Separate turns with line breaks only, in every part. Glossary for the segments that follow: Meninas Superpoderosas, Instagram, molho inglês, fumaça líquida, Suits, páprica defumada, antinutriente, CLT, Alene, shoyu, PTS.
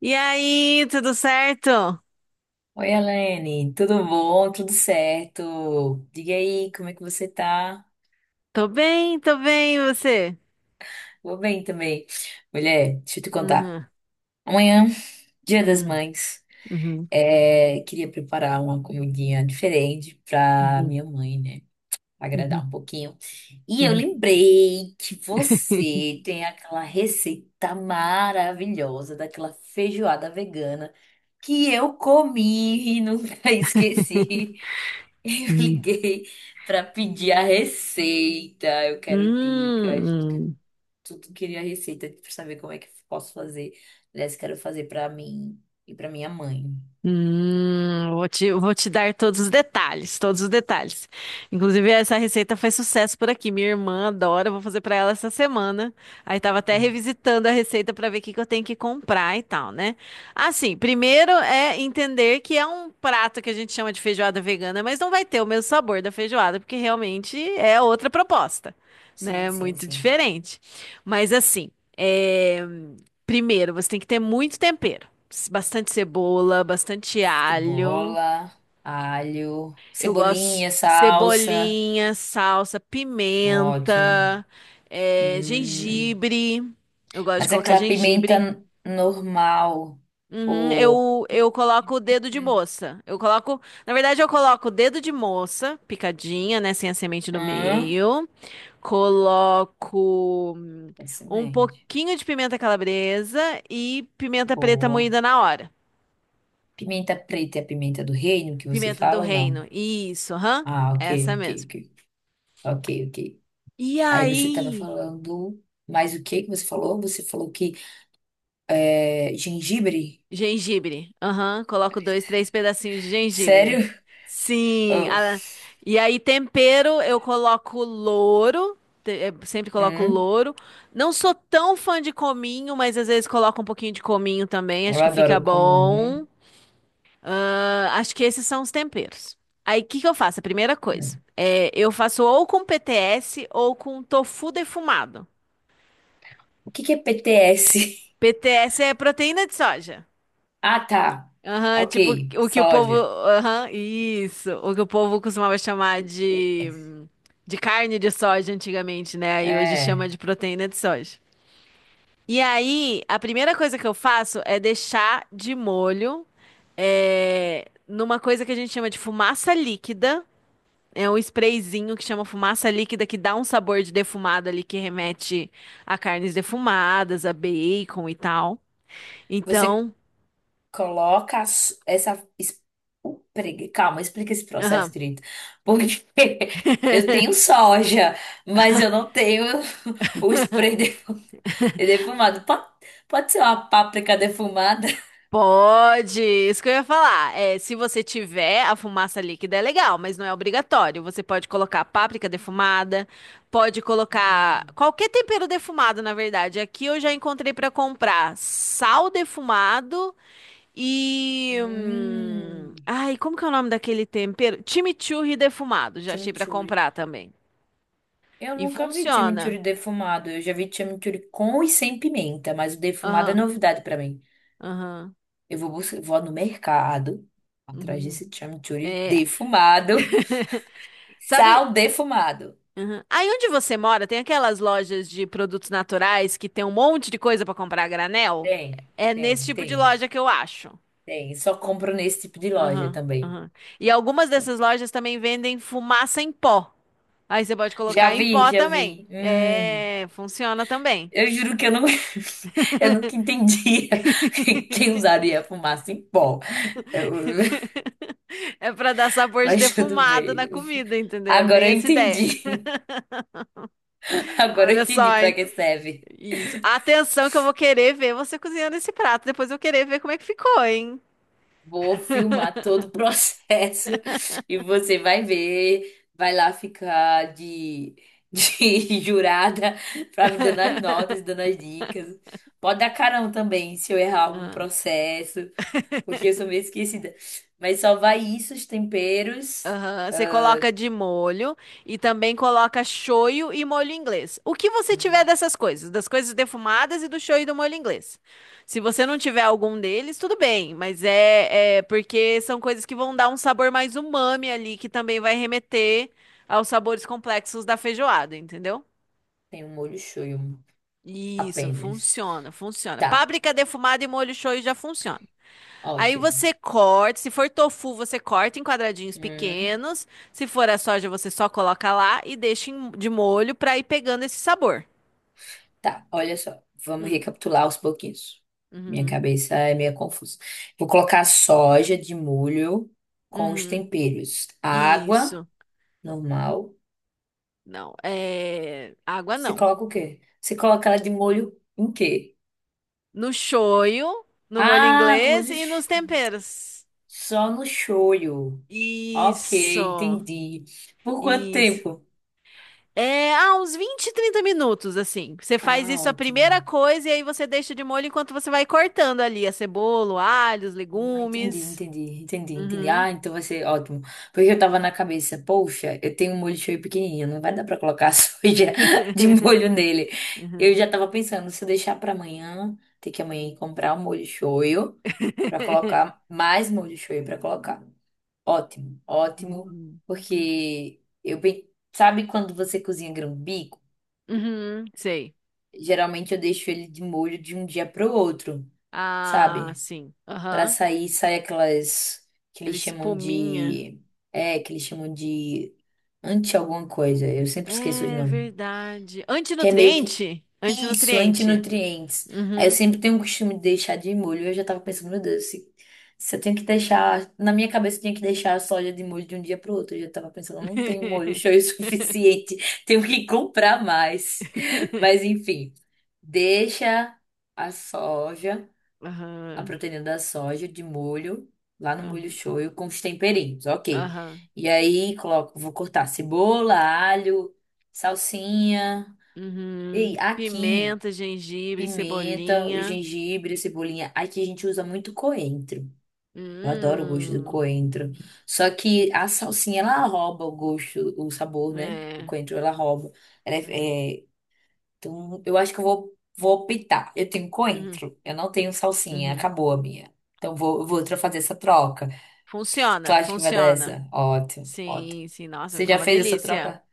E aí, tudo certo?
Oi, Alene, tudo bom? Tudo certo? Diga aí, como é que você tá?
Tô bem, e você?
Vou bem também. Mulher, deixa eu te contar.
Uhum,
Amanhã, Dia das
uhum,
Mães,
uhum,
queria preparar uma comidinha diferente pra
uhum,
minha mãe, né? Agradar
uhum,
um pouquinho. E eu
uhum.
lembrei que você tem aquela receita maravilhosa daquela feijoada vegana que eu comi e nunca esqueci. Eu liguei para pedir a receita. Eu quero dicas.
Hum.
Tudo queria receita para saber como é que eu posso fazer. Aliás, quero fazer para mim e para minha mãe.
Vou te dar todos os detalhes, todos os detalhes. Inclusive, essa receita faz sucesso por aqui. Minha irmã adora, eu vou fazer pra ela essa semana. Aí tava até revisitando a receita pra ver o que que eu tenho que comprar e tal, né? Assim, primeiro é entender que é um prato que a gente chama de feijoada vegana, mas não vai ter o mesmo sabor da feijoada, porque realmente é outra proposta,
Sim,
né?
sim,
Muito
sim.
diferente. Mas assim, é, primeiro você tem que ter muito tempero bastante cebola, bastante alho.
Cebola, alho,
Eu gosto
cebolinha, salsa.
cebolinha, salsa,
Ótimo.
pimenta,
Hum.
gengibre. Eu gosto de
Mas é
colocar
aquela
gengibre.
pimenta normal
Uhum,
ou
eu coloco o dedo de moça. Eu coloco, na verdade, eu coloco o dedo de moça, picadinha, né, sem a semente no
hum,
meio. Coloco um
excelente.
pouquinho de pimenta calabresa e pimenta preta
Boa.
moída na hora.
Pimenta preta é a pimenta do reino que você
Pimenta do
fala ou não?
reino. Isso, aham.
Ah, ok,
Essa
ok,
mesmo.
ok, ok, ok.
E
Aí você estava
aí?
falando, mas o que que você falou? Você falou que gengibre?
Gengibre. Aham. Coloco dois, três pedacinhos de
Sério?
gengibre. Sim.
Oh,
E aí, tempero, eu coloco louro. Sempre coloco
hum,
louro. Não sou tão fã de cominho, mas às vezes coloco um pouquinho de cominho também.
eu
Acho que fica
adoro comer.
bom. Ah, acho que esses são os temperos. Aí, o que que eu faço? A primeira
Hum.
coisa.
Hum.
É, eu faço ou com PTS ou com tofu defumado.
O que que é PTS?
PTS é proteína de soja.
Ah, tá.
Aham,
Ok,
tipo o que o povo.
soja.
Aham, isso. O que o povo costumava chamar de carne de soja antigamente, né? E hoje chama
É.
de proteína de soja. E aí, a primeira coisa que eu faço é deixar de molho numa coisa que a gente chama de fumaça líquida. É um sprayzinho que chama fumaça líquida que dá um sabor de defumado ali que remete a carnes defumadas, a bacon e tal.
Você
Então.
Coloca as- essa. Es- o pregue- Calma, explica esse processo
Aham.
direito. Porque eu tenho soja, mas eu não tenho o spray defu- defumado. Pode ser uma páprica defumada?
Pode, isso que eu ia falar. É, se você tiver a fumaça líquida, é legal, mas não é obrigatório. Você pode colocar páprica defumada, pode colocar
Hum.
qualquer tempero defumado, na verdade. Aqui eu já encontrei para comprar sal defumado e.
Hum.
Ai, como que é o nome daquele tempero? Chimichurri defumado, já achei para
Chimichurri.
comprar também.
Eu
E
nunca vi
funciona.
chimichurri defumado. Eu já vi chimichurri com e sem pimenta, mas o defumado é
Aham,
novidade pra mim.
aham.
Buscar, vou no mercado atrás
Uhum.
desse chimichurri
É,
defumado,
sabe.
sal defumado.
Aham. Aí onde você mora, tem aquelas lojas de produtos naturais que tem um monte de coisa pra comprar a granel?
Tem,
É nesse
tem,
tipo de
tem,
loja que eu acho.
tem. Só compro nesse tipo de loja
Aham,
também.
aham. E algumas dessas lojas também vendem fumaça em pó. Aí você pode
Já
colocar em
vi,
pó
já
também.
vi.
É, funciona também.
Eu juro que eu não, eu nunca entendia quem usaria fumaça em pó. Eu-
É pra dar sabor de
mas tudo
defumado
bem.
na comida, entendeu? É
Agora
bem
eu
essa ideia.
entendi. Agora eu
Olha
entendi
só,
para
hein?
que serve.
Isso. Atenção que eu vou querer ver você cozinhando esse prato. Depois eu vou querer ver como é que ficou, hein?
Vou filmar todo o processo e você vai ver, vai lá ficar de jurada pra me dando as notas, dando as dicas. Pode dar carão também se eu errar algum processo, porque eu sou meio esquecida. Mas só vai isso, os temperos.
Aham, você coloca de molho e também coloca shoyu e molho inglês. O que você tiver
Hum,
dessas coisas, das coisas defumadas e do shoyu e do molho inglês. Se você não tiver algum deles, tudo bem, mas é porque são coisas que vão dar um sabor mais umami ali, que também vai remeter aos sabores complexos da feijoada, entendeu?
tem um molho shoyu
Isso,
apenas.
funciona, funciona.
Tá,
Páprica defumada e molho shoyu já funciona. Aí
ótimo.
você corta, se for tofu, você corta em quadradinhos
Hum,
pequenos. Se for a soja, você só coloca lá e deixa de molho pra ir pegando esse sabor.
Tá, olha só. Vamos
Hum,
recapitular aos pouquinhos. Minha
uhum,
cabeça é meio confusa. Vou colocar soja de molho com os
uhum.
temperos. Água,
Isso.
normal.
Não, é água
Você
não.
coloca o quê? Você coloca ela de molho em quê?
No shoyu, no molho
Ah, no
inglês
molho.
e nos
sh-
temperos.
Só no shoyu. Ok,
Isso.
entendi. Por quanto
Isso.
tempo?
É, ah, uns 20, 30 minutos, assim. Você faz
Ah,
isso a primeira
ótimo.
coisa e aí você deixa de molho enquanto você vai cortando ali a cebola, o alho, os
Ah,
legumes.
entendi.
Uhum.
Ah, então vai ser ótimo. Porque eu tava na cabeça, poxa, eu tenho um molho shoyu pequenininho, não vai dar pra colocar soja de molho nele. Eu
Uhum.
já tava pensando, se eu deixar pra amanhã, ter que amanhã ir comprar um molho shoyu pra colocar, mais molho shoyu pra colocar. Ótimo,
Uhum.
porque sabe quando você cozinha grão-bico?
Uhum, sei.
Geralmente eu deixo ele de molho de um dia pro outro,
Ah,
sabe?
sim.
Pra
Aham.
sair, sai aquelas que
Aquela
eles chamam
espuminha.
de. É, que eles chamam de anti alguma coisa. Eu sempre esqueço os
É
nomes.
verdade.
Que é meio que
Antinutriente?
isso,
Antinutriente.
antinutrientes. Aí eu
Uhum.
sempre tenho o costume de deixar de molho. Eu já tava pensando, meu Deus, se eu tenho que deixar. Na minha cabeça eu tinha que deixar a soja de molho de um dia pro outro. Eu já tava pensando, eu não tenho molho show o suficiente. Tenho que comprar mais. Mas enfim, deixa a soja a
Aham.
proteína da soja de molho, lá no molho
Aham.
shoyu, com os temperinhos, ok.
Aham.
E aí coloco, vou cortar cebola, alho, salsinha.
Uhum.
E aqui,
Pimenta, gengibre,
pimenta, o
cebolinha.
gengibre, a cebolinha. Aqui a gente usa muito coentro. Eu adoro o gosto do
Hum.
coentro. Só que a salsinha, ela rouba o gosto, o sabor, né? Do
É.
coentro, ela rouba. Ela
É.
é, é então, eu acho que vou optar. Eu tenho
Uhum.
coentro, eu não tenho salsinha,
Uhum.
acabou a minha. Então, eu vou fazer essa troca. Tu
Funciona,
acha que vai dar
funciona.
essa? Ótimo, ótimo.
Sim, sim, nossa, vai
Você
ficar
já
uma
fez essa
delícia.
troca?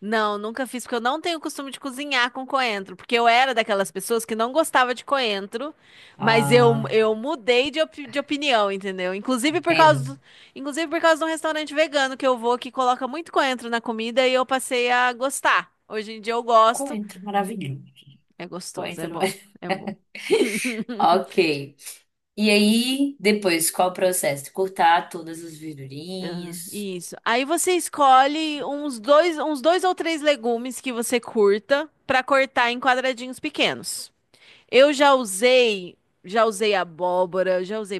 Não, nunca fiz, porque eu não tenho costume de cozinhar com coentro, porque eu era daquelas pessoas que não gostava de coentro, mas eu
Ah,
mudei de, opinião, entendeu? Inclusive por
vendo?
causa do, inclusive por causa de um restaurante vegano que eu vou que coloca muito coentro na comida e eu passei a gostar. Hoje em dia eu gosto.
Coentro, maravilhoso.
É gostoso, é
Coentro.
bom, é bom.
Ok. E aí, depois, qual o processo? Cortar todas as
Ah,
verdurinhas.
isso. Aí você escolhe uns dois ou três legumes que você curta pra cortar em quadradinhos pequenos. Eu já usei, já usei abóbora, já usei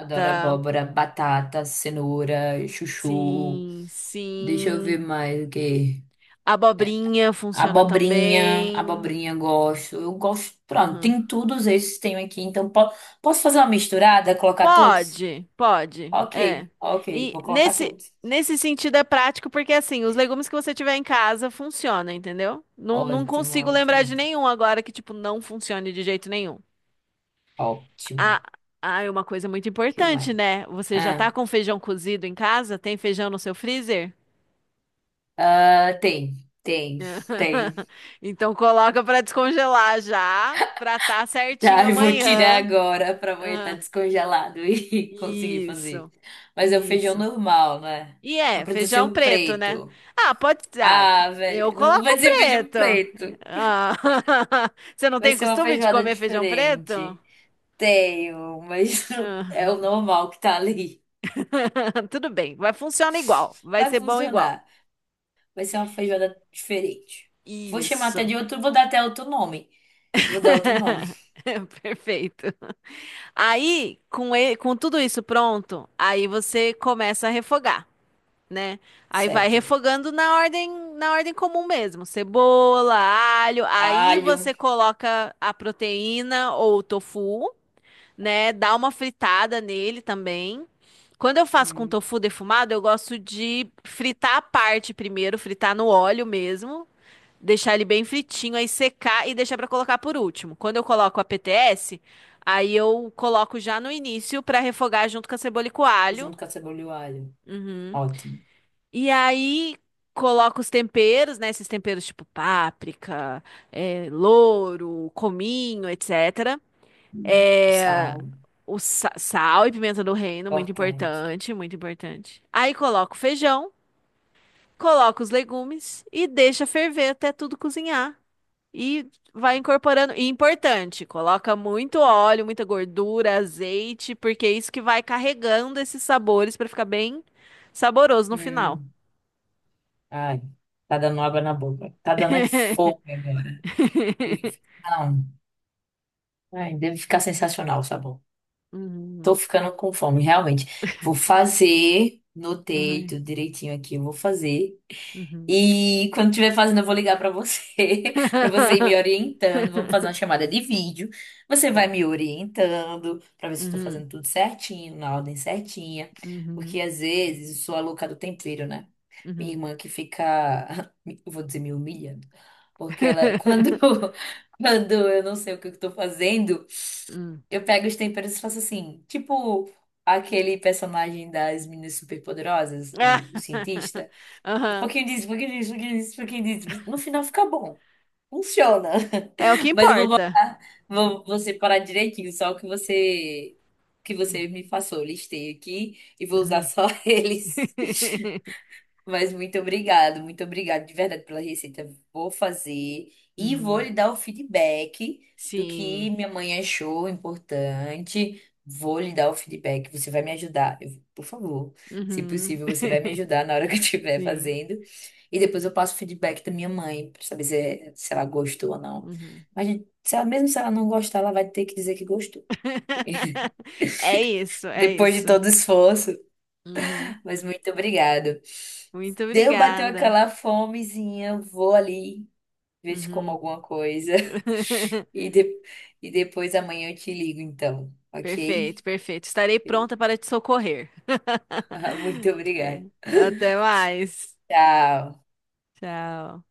Adoro abóbora, batata, cenoura, chuchu.
Sim,
Deixa eu ver
sim.
mais o quê?
Abobrinha funciona também.
Abobrinha eu gosto. Eu gosto, pronto,
Uhum.
tem todos esses que tenho aqui, então posso fazer uma misturada, colocar todos?
Pode, pode. É.
Ok, ok,
E
vou colocar todos.
nesse sentido é prático porque assim, os legumes que você tiver em casa funcionam, entendeu? Não, não
Ótimo,
consigo
ótimo,
lembrar de nenhum agora que tipo não funcione de jeito nenhum. Ah,
ótimo.
ah, é uma coisa muito
Que mais?
importante, né? Você já tá
Ah,
com feijão cozido em casa? Tem feijão no seu freezer?
ah, tem, tem, tem.
Então coloca pra descongelar já, pra tá certinho
Tá, eu vou tirar
amanhã.
agora pra amanhã estar
Aham.
descongelado e conseguir
Isso,
fazer. Mas é o feijão
isso.
normal, né?
E
Não
é,
precisa ser
feijão
o
preto, né?
preto.
Ah, pode. Ah,
Ah,
eu
velho, não
coloco
vai ser feijão
preto.
preto.
Ah, Você não
Vai
tem
ser uma
costume de
feijoada
comer feijão preto?
diferente. Tenho, mas
Ah,
é o normal que tá ali.
Tudo bem, vai funcionar igual, vai
Vai
ser bom igual.
funcionar. Vai ser uma feijoada diferente.
Isso.
Vou dar até outro nome. Vou dar outro nome,
Perfeito. Aí, com tudo isso pronto, aí você começa a refogar. Né? Aí vai
certo?
refogando na ordem comum mesmo, cebola, alho, aí
Alho,
você coloca a proteína ou o tofu, né? Dá uma fritada nele também. Quando eu faço com
hum,
tofu defumado, eu gosto de fritar a parte primeiro, fritar no óleo mesmo, deixar ele bem fritinho, aí secar e deixar para colocar por último. Quando eu coloco a PTS, aí eu coloco já no início para refogar junto com a cebola e com o alho.
junto com a cebola e o alho.
Uhum.
Ótimo.
E aí coloco os temperos, né? Esses temperos tipo páprica, louro, cominho, etc. Eh,
Sal,
o sal e pimenta do reino, muito
importante.
importante, muito importante. Aí coloco o feijão, coloco os legumes e deixa ferver até tudo cozinhar. E vai incorporando. E importante, coloca muito óleo, muita gordura, azeite, porque é isso que vai carregando esses sabores para ficar bem saboroso no final.
Hum, ai, tá dando água na boca. Tá dando é fome agora. Deve- Não, ai, deve ficar sensacional o sabor.
Mhm.
Tô ficando com fome, realmente. Vou fazer, notei
Ai.
tudo direitinho aqui, eu vou fazer.
Mhm.
E quando estiver fazendo, eu vou ligar pra você, pra você ir me orientando. Vamos fazer uma chamada de vídeo. Você vai
Co-
me orientando pra ver se eu tô
Mhm.
fazendo tudo certinho, na ordem certinha.
Mhm.
Porque às vezes eu sou a louca do tempero, né? Minha
Mhm.
irmã que fica, eu vou dizer, me humilhando. Porque ela, quando, quando eu não sei o que eu tô fazendo,
Hum.
eu pego os temperos e faço assim, tipo aquele personagem das Meninas Superpoderosas,
Ah.
o cientista. Um
Aham.
pouquinho disso, um pouquinho disso, um pouquinho disso, um pouquinho disso. No final fica bom. Funciona.
É o que
Mas eu vou
importa.
botar, vou separar direitinho só o que você me passou. Listei aqui e vou usar
Uhum.
só eles. Mas muito obrigado de verdade pela receita. Vou fazer e vou
Uhum.
lhe dar o feedback do que
Sim.
minha mãe achou importante. Vou lhe dar o feedback. Você vai me ajudar, por favor. Se
Uhum.
possível, você vai me ajudar na hora que eu estiver
Sim.
fazendo. E depois eu passo o feedback da minha mãe para saber se ela gostou ou não.
Uhum.
Mas se ela, mesmo se ela não gostar, ela vai ter que dizer que gostou.
É isso, é
Depois de
isso.
todo o esforço.
Uhum.
Mas muito obrigado.
Muito
Deu, bateu
obrigada.
aquela fomezinha, eu vou ali ver se como
Uhum.
alguma coisa. E, de- e depois amanhã eu te ligo, então,
Perfeito,
ok?
perfeito. Estarei pronta para te socorrer.
Muito
É.
obrigada.
Até mais.
Tchau.
Tchau.